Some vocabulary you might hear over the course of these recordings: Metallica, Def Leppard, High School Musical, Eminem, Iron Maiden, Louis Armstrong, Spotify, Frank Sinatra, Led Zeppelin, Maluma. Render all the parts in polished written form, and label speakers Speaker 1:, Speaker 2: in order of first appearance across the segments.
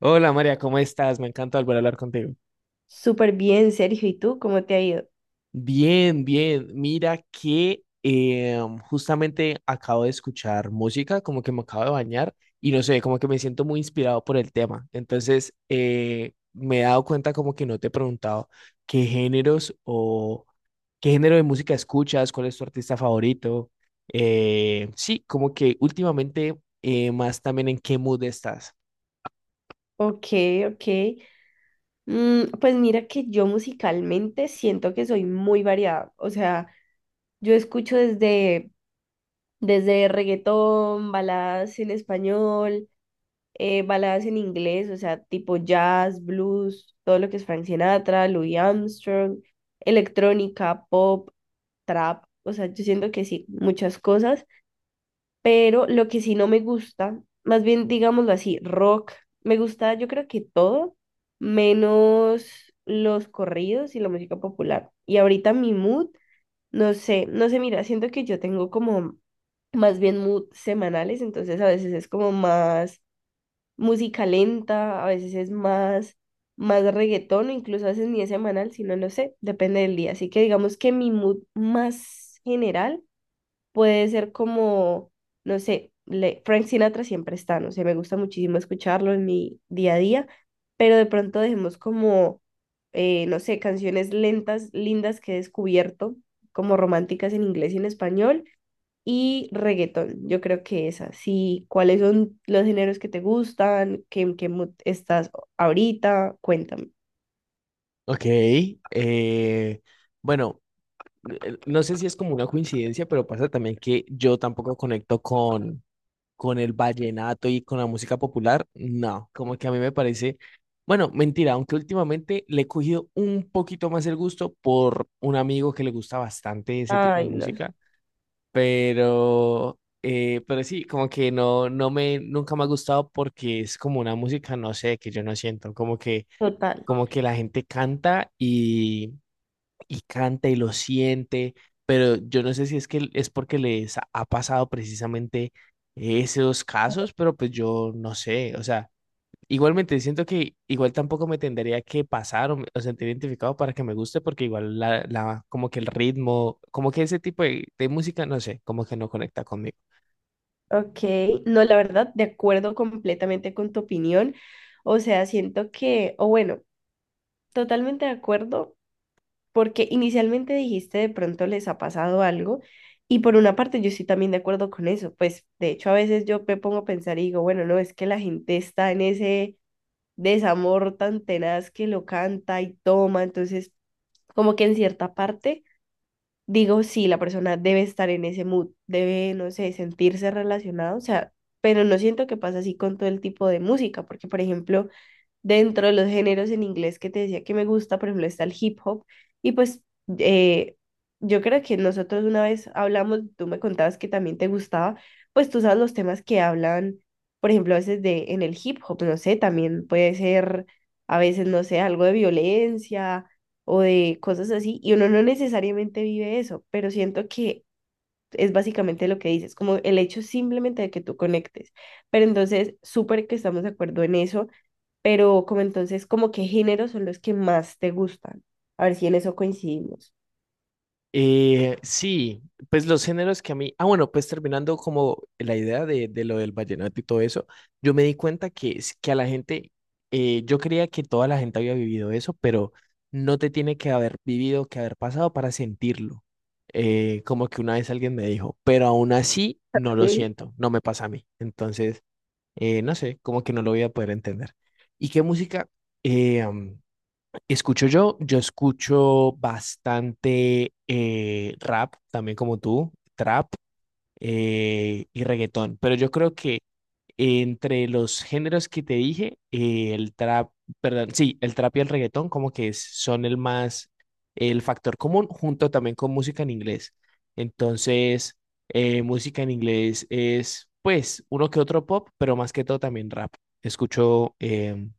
Speaker 1: Hola María, ¿cómo estás? Me encanta volver a hablar contigo.
Speaker 2: Súper bien, Sergio. ¿Y tú cómo te ha ido?
Speaker 1: Bien, bien. Mira que justamente acabo de escuchar música, como que me acabo de bañar y no sé, como que me siento muy inspirado por el tema. Entonces, me he dado cuenta como que no te he preguntado qué géneros o qué género de música escuchas, cuál es tu artista favorito. Sí, como que últimamente más también en qué mood estás.
Speaker 2: Ok, ok. Pues mira que yo musicalmente siento que soy muy variada. O sea, yo escucho desde reggaetón, baladas en español, baladas en inglés, o sea, tipo jazz, blues, todo lo que es Frank Sinatra, Louis Armstrong, electrónica, pop, trap. O sea, yo siento que sí, muchas cosas. Pero lo que sí no me gusta, más bien digámoslo así, rock, me gusta yo creo que todo, menos los corridos y la música popular. Y ahorita mi mood, no sé, no sé, mira, siento que yo tengo como más bien mood semanales, entonces a veces es como más música lenta, a veces es más reggaetón, o incluso a veces ni es semanal, sino no sé, depende del día. Así que digamos que mi mood más general puede ser como, no sé, Frank Sinatra siempre está, no sé, me gusta muchísimo escucharlo en mi día a día, pero de pronto dejemos como, no sé, canciones lentas, lindas que he descubierto, como románticas en inglés y en español, y reggaetón, yo creo que esas, sí, ¿cuáles son los géneros que te gustan? ¿Qué, en qué mood estás ahorita? Cuéntame.
Speaker 1: Ok. eh, bueno. No sé si es como una coincidencia, pero pasa también que yo tampoco conecto con el vallenato y con la música popular. No, como que a mí me parece, bueno, mentira, aunque últimamente le he cogido un poquito más el gusto por un amigo que le gusta bastante ese tipo de
Speaker 2: Ay, no,
Speaker 1: música, pero sí, como que no, no me, nunca me ha gustado porque es como una música, no sé, que yo no siento,
Speaker 2: total.
Speaker 1: como que la gente canta y canta y lo siente, pero yo no sé si es que es porque les ha pasado precisamente esos casos, pero pues yo no sé, o sea, igualmente siento que igual tampoco me tendría que pasar o, o sentir identificado para que me guste, porque igual la, como que el ritmo, como que ese tipo de música, no sé, como que no conecta conmigo.
Speaker 2: Ok, no, la verdad, de acuerdo completamente con tu opinión. O sea, siento que, o bueno, totalmente de acuerdo, porque inicialmente dijiste de pronto les ha pasado algo, y por una parte yo estoy también de acuerdo con eso. Pues de hecho, a veces yo me pongo a pensar y digo, bueno, no, es que la gente está en ese desamor tan tenaz que lo canta y toma, entonces, como que en cierta parte digo, sí, la persona debe estar en ese mood, debe, no sé, sentirse relacionado, o sea, pero no siento que pasa así con todo el tipo de música, porque, por ejemplo, dentro de los géneros en inglés que te decía que me gusta, por ejemplo, está el hip hop. Y pues eh, yo creo que nosotros una vez hablamos, tú me contabas que también te gustaba, pues tú sabes los temas que hablan, por ejemplo, a veces de en el hip hop, no sé, también puede ser a veces, no sé, algo de violencia o de cosas así. Y uno no necesariamente vive eso, pero siento que es básicamente lo que dices, como el hecho simplemente de que tú conectes. Pero entonces, súper que estamos de acuerdo en eso, pero como entonces, como qué géneros son los que más te gustan. A ver si en eso coincidimos.
Speaker 1: Sí, pues los géneros que a mí, ah bueno, pues terminando como la idea de lo del vallenato y todo eso, yo me di cuenta que, que a la gente, yo creía que toda la gente había vivido eso, pero no te tiene que haber vivido, que haber pasado para sentirlo. Como que una vez alguien me dijo, pero aún así no lo
Speaker 2: Sí.
Speaker 1: siento, no me pasa a mí. Entonces, no sé, como que no lo voy a poder entender. ¿Y qué música? Escucho yo, yo escucho bastante rap, también como tú, trap y reggaetón, pero yo creo que entre los géneros que te dije, el trap, perdón, sí, el trap y el reggaetón como que son el más, el factor común junto también con música en inglés. Entonces, música en inglés es pues uno que otro pop, pero más que todo también rap. Escucho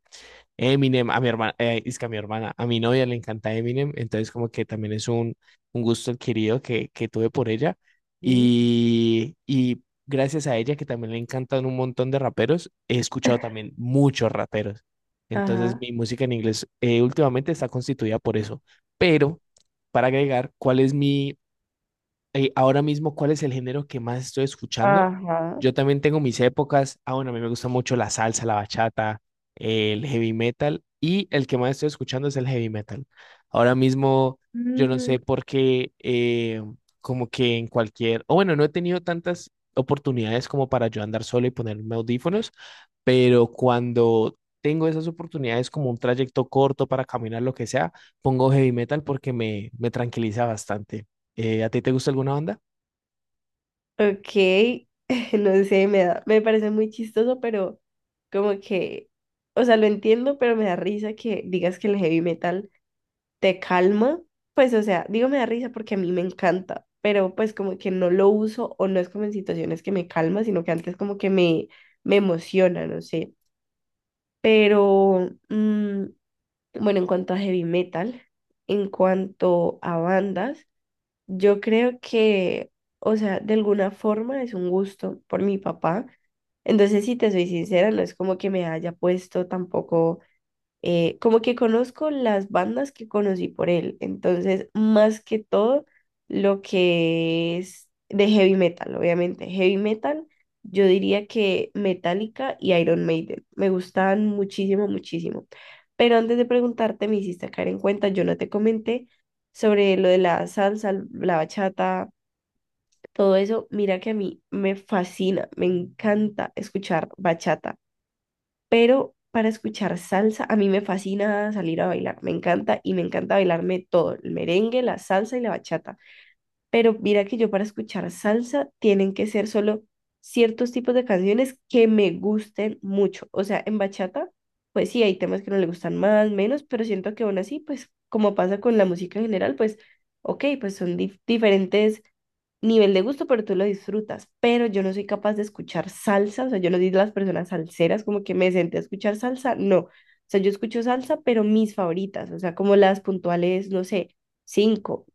Speaker 1: Eminem, a mi hermana, es que a mi hermana, a mi novia le encanta Eminem, entonces como que también es un gusto adquirido que tuve por ella
Speaker 2: Sí.
Speaker 1: y gracias a ella que también le encantan un montón de raperos, he escuchado también muchos raperos, entonces
Speaker 2: Ajá,
Speaker 1: mi música en inglés últimamente está constituida por eso, pero para agregar, ¿cuál es mi, ahora mismo, ¿cuál es el género que más estoy escuchando?
Speaker 2: ajá.
Speaker 1: Yo también tengo mis épocas. Ah, bueno, a mí me gusta mucho la salsa, la bachata, el heavy metal y el que más estoy escuchando es el heavy metal. Ahora mismo, yo no
Speaker 2: Mm,
Speaker 1: sé por qué, como que en cualquier, o bueno, no he tenido tantas oportunidades como para yo andar solo y ponerme audífonos, pero cuando tengo esas oportunidades como un trayecto corto para caminar, lo que sea, pongo heavy metal porque me tranquiliza bastante. ¿A ti te gusta alguna banda?
Speaker 2: ok, no sé, me da, me parece muy chistoso, pero como que, o sea, lo entiendo, pero me da risa que digas que el heavy metal te calma. Pues, o sea, digo me da risa porque a mí me encanta, pero pues como que no lo uso o no es como en situaciones que me calma, sino que antes como que me emociona, no sé. Pero, bueno, en cuanto a heavy metal, en cuanto a bandas, yo creo que, o sea, de alguna forma es un gusto por mi papá. Entonces, si te soy sincera, no es como que me haya puesto tampoco como que conozco las bandas que conocí por él, entonces más que todo lo que es de heavy metal, obviamente, heavy metal, yo diría que Metallica y Iron Maiden, me gustaban muchísimo, muchísimo. Pero antes de preguntarte, me hiciste caer en cuenta, yo no te comenté sobre lo de la salsa, la bachata, todo eso, mira que a mí me fascina, me encanta escuchar bachata, pero para escuchar salsa, a mí me fascina salir a bailar, me encanta y me encanta bailarme todo, el merengue, la salsa y la bachata. Pero mira que yo para escuchar salsa tienen que ser solo ciertos tipos de canciones que me gusten mucho. O sea, en bachata, pues sí, hay temas que no le gustan más, menos, pero siento que aún así, pues como pasa con la música en general, pues ok, pues son diferentes nivel de gusto, pero tú lo disfrutas. Pero yo no soy capaz de escuchar salsa, o sea, yo lo digo a las personas salseras, como que me senté a escuchar salsa, no. O sea, yo escucho salsa, pero mis favoritas, o sea, como las puntuales, no sé, cinco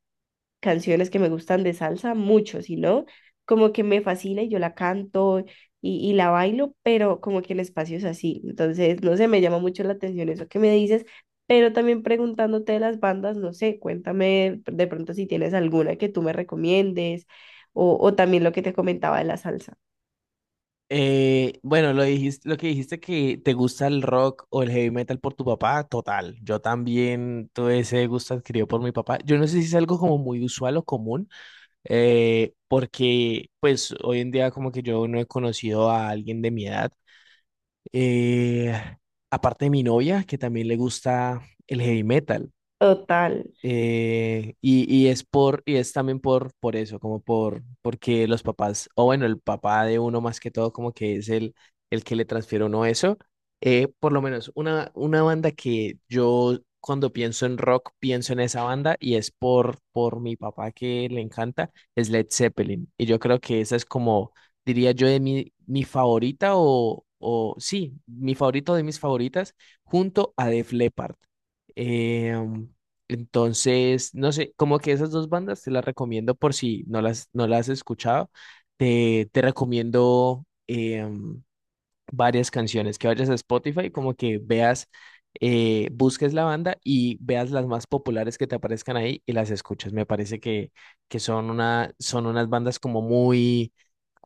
Speaker 2: canciones que me gustan de salsa, mucho, sino como que me fascina y yo la canto y la bailo, pero como que en espacios así. Entonces, no sé, me llama mucho la atención eso que me dices, pero también preguntándote de las bandas, no sé, cuéntame de pronto si tienes alguna que tú me recomiendes o también lo que te comentaba de la salsa.
Speaker 1: Bueno, lo dijiste, lo que dijiste que te gusta el rock o el heavy metal por tu papá, total. Yo también tuve ese gusto adquirido por mi papá. Yo no sé si es algo como muy usual o común, porque pues hoy en día como que yo no he conocido a alguien de mi edad. Eh, aparte de mi novia, que también le gusta el heavy metal.
Speaker 2: Total.
Speaker 1: Y es por, y es también por eso, como por, porque los papás, o bueno, el papá de uno más que todo, como que es el que le transfiere a uno eso. Por lo menos una banda que yo cuando pienso en rock, pienso en esa banda y es por mi papá que le encanta, es Led Zeppelin. Y yo creo que esa es como, diría yo, de mi, mi favorita o sí, mi favorito de mis favoritas, junto a Def Leppard. Em, entonces, no sé, como que esas dos bandas te las recomiendo por si no las, no las has escuchado. Te recomiendo varias canciones, que vayas a Spotify, como que veas, busques la banda y veas las más populares que te aparezcan ahí y las escuches. Me parece que son una, son unas bandas como muy,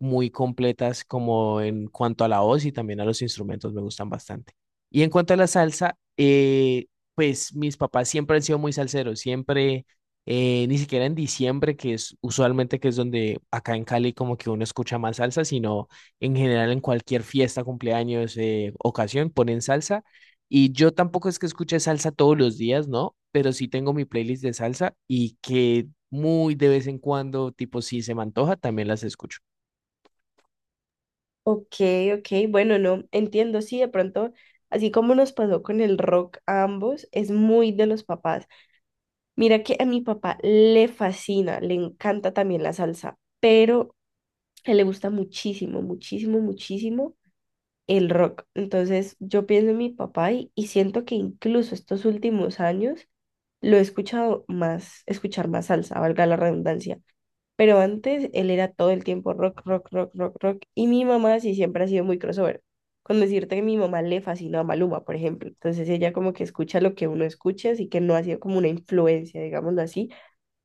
Speaker 1: muy completas como en cuanto a la voz y también a los instrumentos, me gustan bastante. Y en cuanto a la salsa, pues mis papás siempre han sido muy salseros, siempre... ni siquiera en diciembre, que es usualmente que es donde acá en Cali como que uno escucha más salsa, sino en general, en cualquier fiesta, cumpleaños, ocasión, ponen salsa. Y yo tampoco es que escuche salsa todos los días, ¿no? Pero sí tengo mi playlist de salsa y que muy de vez en cuando, tipo, si se me antoja, también las escucho.
Speaker 2: Ok, ok, bueno, no, entiendo, sí, de pronto, así como nos pasó con el rock a ambos, es muy de los papás. Mira que a mi papá le fascina, le encanta también la salsa, pero a él le gusta muchísimo, muchísimo, muchísimo el rock. Entonces yo pienso en mi papá y siento que incluso estos últimos años lo he escuchado más, escuchar más salsa, valga la redundancia. Pero antes él era todo el tiempo rock, rock, rock, rock, rock. Y mi mamá sí siempre ha sido muy crossover. Con decirte que mi mamá le fascina a Maluma, por ejemplo. Entonces ella como que escucha lo que uno escucha, así que no ha sido como una influencia, digámoslo así,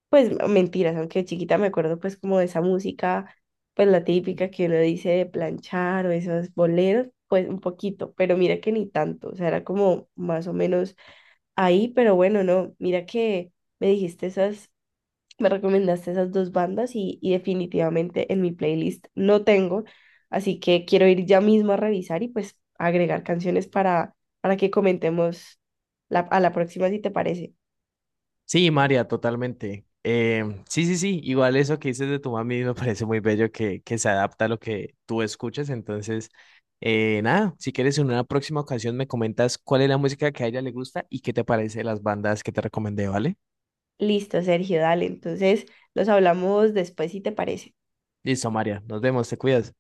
Speaker 2: pues mentiras, aunque de chiquita me acuerdo pues como de esa música, pues la típica que uno dice de planchar o esos boleros, pues un poquito, pero mira que ni tanto, o sea, era como más o menos ahí, pero bueno, no, mira que me dijiste esas, me recomendaste esas dos bandas y definitivamente en mi playlist no tengo, así que quiero ir ya mismo a revisar y pues agregar canciones para que comentemos la, a la próxima si te parece.
Speaker 1: Sí, María, totalmente. Sí, sí, sí, igual eso que dices de tu mami me parece muy bello que se adapta a lo que tú escuchas. Entonces, nada, si quieres en una próxima ocasión me comentas cuál es la música que a ella le gusta y qué te parece las bandas que te recomendé, ¿vale?
Speaker 2: Listo, Sergio, dale. Entonces, los hablamos después si te parece.
Speaker 1: Listo, María. Nos vemos, te cuidas.